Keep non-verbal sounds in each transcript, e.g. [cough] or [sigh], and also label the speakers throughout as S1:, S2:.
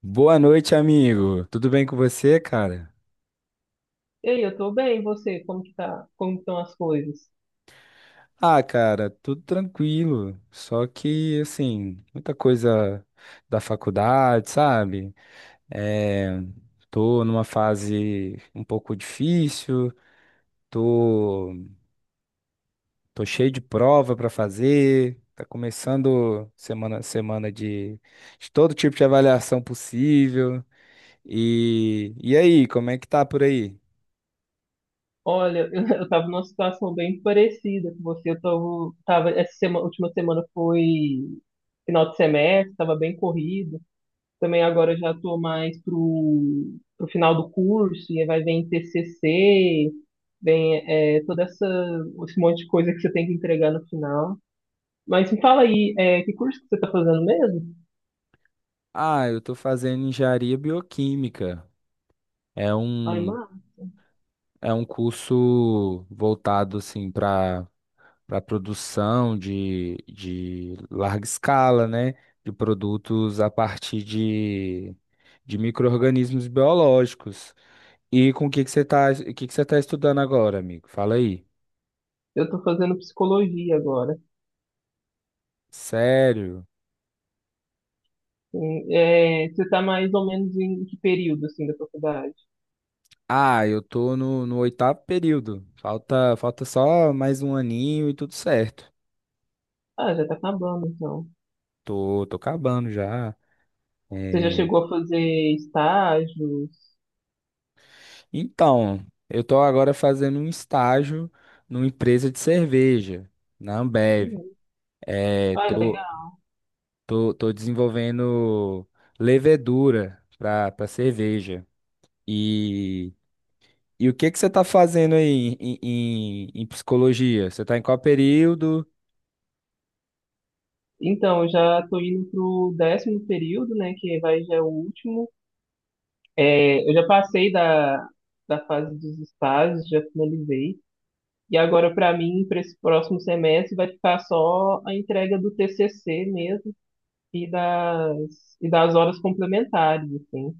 S1: Boa noite, amigo. Tudo bem com você, cara?
S2: Ei, eu tô bem, e você? Como que tá? Como estão as coisas?
S1: Ah, cara, tudo tranquilo. Só que, assim, muita coisa da faculdade, sabe? É, tô numa fase um pouco difícil, tô, tô cheio de prova pra fazer. Tá começando semana de todo tipo de avaliação possível. E aí, como é que tá por aí?
S2: Olha, [laughs] eu tava numa situação bem parecida com você. Tava essa semana, última semana foi final de semestre, tava bem corrido. Também agora eu já tô mais pro final do curso, e aí vai vir TCC, vem toda esse monte de coisa que você tem que entregar no final. Mas me fala aí, que curso que você tá fazendo mesmo?
S1: Ah, eu tô fazendo engenharia bioquímica. É
S2: Ai,
S1: um,
S2: mar
S1: é um curso voltado assim para para produção de larga escala, né? De produtos a partir de micro-organismos biológicos. E com o que que você tá, o que que você tá estudando agora, amigo? Fala aí.
S2: eu tô fazendo psicologia agora.
S1: Sério?
S2: Sim, é, você está mais ou menos em que período, assim, da faculdade?
S1: Ah, eu tô no oitavo período. Falta só mais um aninho e tudo certo.
S2: Ah, já está acabando, então.
S1: Tô acabando já.
S2: Você já
S1: É,
S2: chegou a fazer estágios?
S1: então, eu estou agora fazendo um estágio numa empresa de cerveja, na Ambev.
S2: Uhum.
S1: É,
S2: Ah,
S1: tô,
S2: legal.
S1: tô desenvolvendo levedura para para cerveja. E, e o que que você está fazendo aí em, em, em psicologia? Você está em qual período?
S2: Então, eu já estou indo pro décimo período, né, que vai já é o último. É, eu já passei da fase dos estágios, já finalizei. E agora, para mim, para esse próximo semestre, vai ficar só a entrega do TCC mesmo e e das horas complementares, assim.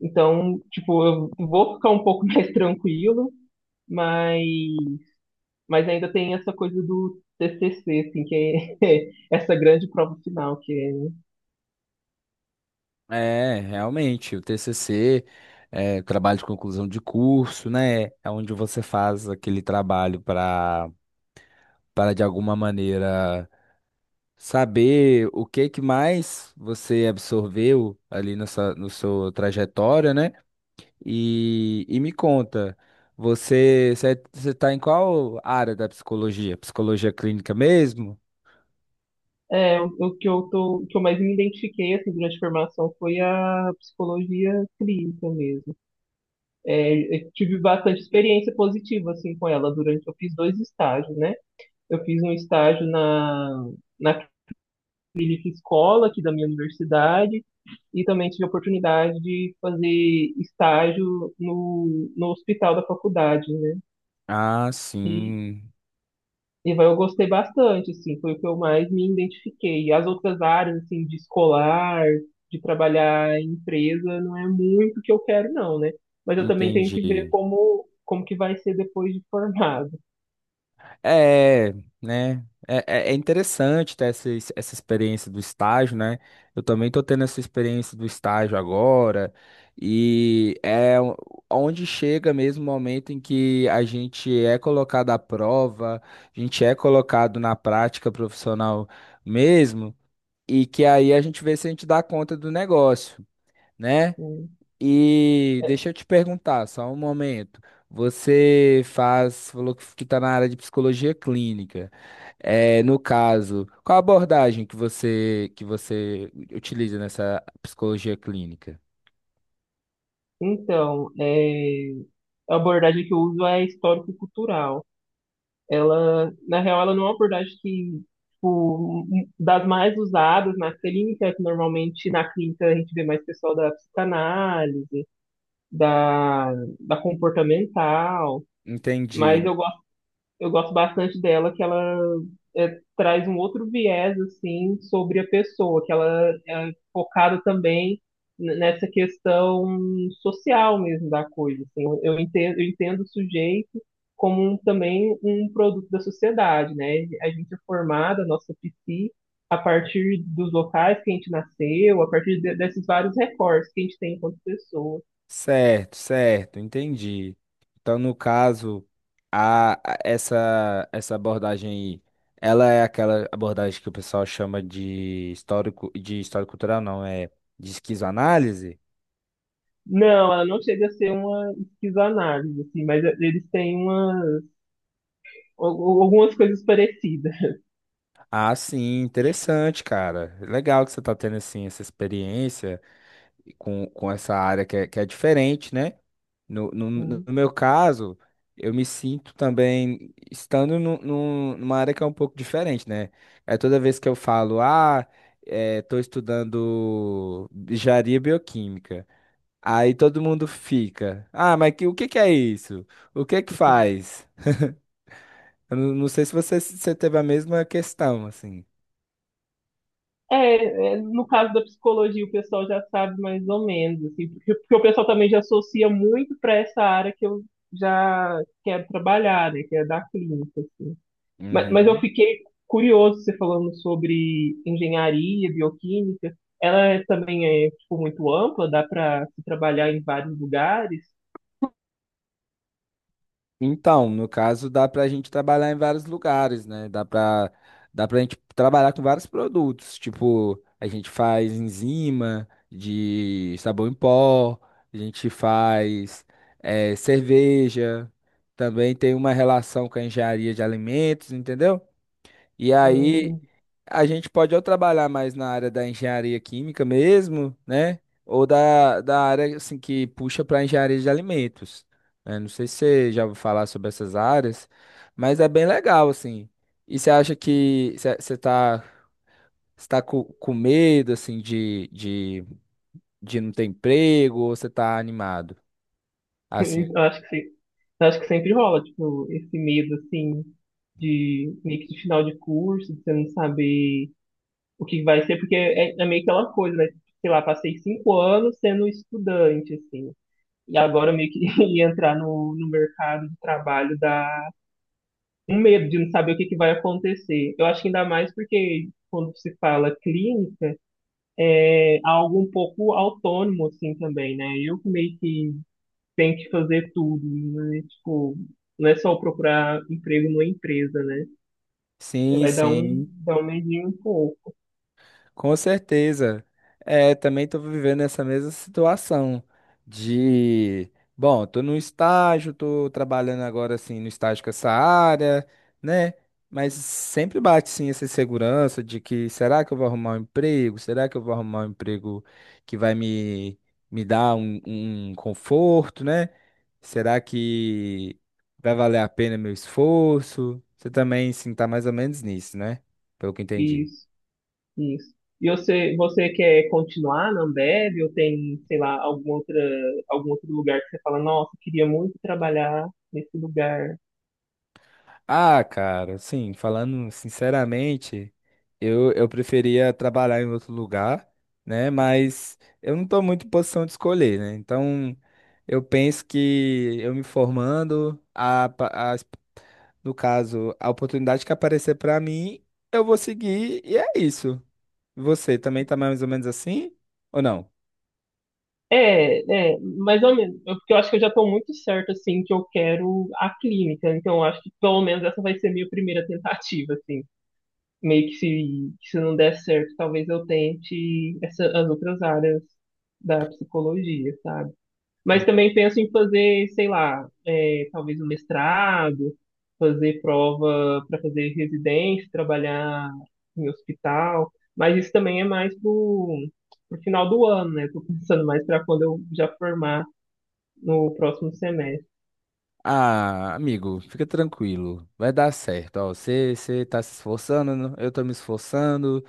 S2: Então, tipo, eu vou ficar um pouco [laughs] mais tranquilo, mas, mas ainda tem essa coisa do TCC, assim, que é [laughs] essa grande prova final, que
S1: É, realmente, o TCC, é, o trabalho de conclusão de curso, né? É onde você faz aquele trabalho para para de alguma maneira saber o que que mais você absorveu ali na sua, no sua trajetória, né? E me conta, você é, você está em qual área da psicologia? Psicologia clínica mesmo?
S2: o que eu o que eu mais me identifiquei, assim, durante a formação foi a psicologia clínica mesmo. É, eu tive bastante experiência positiva, assim, com ela durante, eu fiz 2 estágios, né? Eu fiz um estágio na clínica escola aqui da minha universidade, e também tive a oportunidade de fazer estágio no hospital da faculdade, né?
S1: Ah,
S2: E,
S1: sim,
S2: eu gostei bastante, assim, foi o que eu mais me identifiquei. As outras áreas, assim, de escolar, de trabalhar em empresa, não é muito o que eu quero, não, né? Mas eu também tenho que ver
S1: entendi.
S2: como, como que vai ser depois de formado.
S1: É, né? É, é é interessante ter essa, essa experiência do estágio, né? Eu também estou tendo essa experiência do estágio agora, e é onde chega mesmo o momento em que a gente é colocado à prova, a gente é colocado na prática profissional mesmo, e que aí a gente vê se a gente dá conta do negócio, né?
S2: Assim.
S1: E
S2: É,
S1: deixa eu te perguntar, só um momento. Você faz, falou que está na área de psicologia clínica. É, no caso, qual a abordagem que você utiliza nessa psicologia clínica?
S2: então, é, a abordagem que eu uso é histórico-cultural. Ela, na real, ela não é uma abordagem que, tipo, das mais usadas na clínica, que normalmente na clínica a gente vê mais pessoal da psicanálise, da, da comportamental, mas
S1: Entendi.
S2: eu gosto bastante dela, que ela é, traz um outro viés, assim, sobre a pessoa, que ela é focada também nessa questão social mesmo da coisa, assim. Eu entendo o sujeito como também um produto da sociedade, né? A gente é formada, a nossa a partir dos locais que a gente nasceu, a partir desses vários recortes que a gente tem enquanto pessoa.
S1: Certo, certo, entendi. Então, no caso, essa essa abordagem aí, ela é aquela abordagem que o pessoal chama de histórico cultural, não é de esquizoanálise?
S2: Não, ela não chega a ser uma esquizoanálise, assim, mas eles têm uma algumas coisas parecidas.
S1: Ah, sim, interessante, cara. Legal que você tá tendo assim essa experiência com essa área que é diferente, né? No meu caso, eu me sinto também estando numa área que é um pouco diferente, né? É toda vez que eu falo, ah, é, tô estudando engenharia bioquímica. Aí todo mundo fica, ah, mas que, o que que é isso? O que que faz? Eu não sei se você, se você teve a mesma questão, assim.
S2: É, é, no caso da psicologia, o pessoal já sabe mais ou menos, assim, porque o pessoal também já associa muito para essa área que eu já quero trabalhar, né, que é da clínica, assim. Mas eu
S1: Uhum.
S2: fiquei curioso, você falando sobre engenharia, bioquímica, ela também é, tipo, muito ampla, dá para se trabalhar em vários lugares?
S1: Então, no caso, dá para a gente trabalhar em vários lugares, né? Dá para dá para a gente trabalhar com vários produtos. Tipo, a gente faz enzima de sabão em pó, a gente faz cerveja, também tem uma relação com a engenharia de alimentos, entendeu? E aí
S2: Entendi.
S1: a gente pode ou trabalhar mais na área da engenharia química mesmo, né? Ou da área assim, que puxa para engenharia de alimentos. Né? Não sei se você já ouviu falar sobre essas áreas, mas é bem legal, assim. E você acha que você tá, você tá com medo, assim, de não ter emprego ou você tá animado? Assim,
S2: [laughs] Eu acho que sim. Eu acho que sempre rola, tipo, esse medo, assim, de meio que de final de curso, de você não saber o que vai ser, porque é meio que aquela coisa, né? Tipo, sei lá, passei 5 anos sendo estudante, assim, e agora meio que [laughs] ia entrar no mercado de trabalho dá um medo de não saber o que que vai acontecer. Eu acho que ainda mais porque quando se fala clínica, é algo um pouco autônomo, assim, também, né? Eu que meio que tem que fazer tudo, né? Tipo, não é só procurar emprego numa empresa, né?
S1: sim,
S2: Vai
S1: sim.
S2: dar um medinho um pouco.
S1: Com certeza. É, também estou vivendo essa mesma situação de, bom, estou no estágio, estou trabalhando agora assim no estágio com essa área, né? Mas sempre bate sim essa insegurança de que será que eu vou arrumar um emprego? Será que eu vou arrumar um emprego que vai me, me dar um, um conforto, né? Será que vai valer a pena meu esforço? Você também sim está mais ou menos nisso, né? Pelo que entendi.
S2: Isso, isso. E você quer continuar na Ambev ou tem, sei lá, algum outro lugar que você fala, nossa, queria muito trabalhar nesse lugar?
S1: Ah, cara, sim, falando sinceramente, eu preferia trabalhar em outro lugar, né? Mas eu não estou muito em posição de escolher, né? Então, eu penso que eu me formando, no caso, a oportunidade que aparecer para mim, eu vou seguir e é isso. Você também tá mais ou menos assim? Ou não?
S2: É, é, mais ou menos. Eu- porque eu acho que eu já estou muito certo, assim, que eu quero a clínica. Então, eu acho que pelo menos essa vai ser a minha primeira [laughs] tentativa, assim. Meio que se não der certo, talvez eu tente essa, as outras áreas da psicologia, sabe? Mas também penso em fazer, sei lá, é, talvez um mestrado, fazer prova para fazer residência, trabalhar em hospital. Mas isso também é mais pro final do ano, né? Tô pensando mais para quando eu já formar no próximo semestre.
S1: Ah, amigo, fica tranquilo, vai dar certo. Ó, você tá se esforçando, eu tô me esforçando.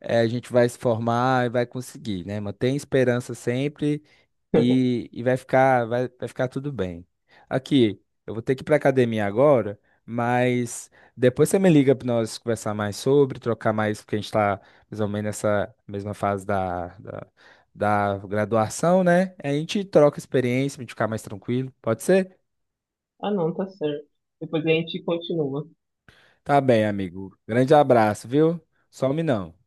S1: É, a gente vai se formar e vai conseguir, né? Mantém esperança sempre
S2: [laughs]
S1: e vai ficar, vai ficar tudo bem. Aqui, eu vou ter que ir para academia agora, mas depois você me liga para nós conversar mais sobre, trocar mais, porque a gente está mais ou menos nessa mesma fase da graduação, né? A gente troca experiência para a gente ficar mais tranquilo, pode ser?
S2: Ah, não, tá certo. Depois a gente continua.
S1: Tá bem, amigo. Grande abraço, viu? Some não.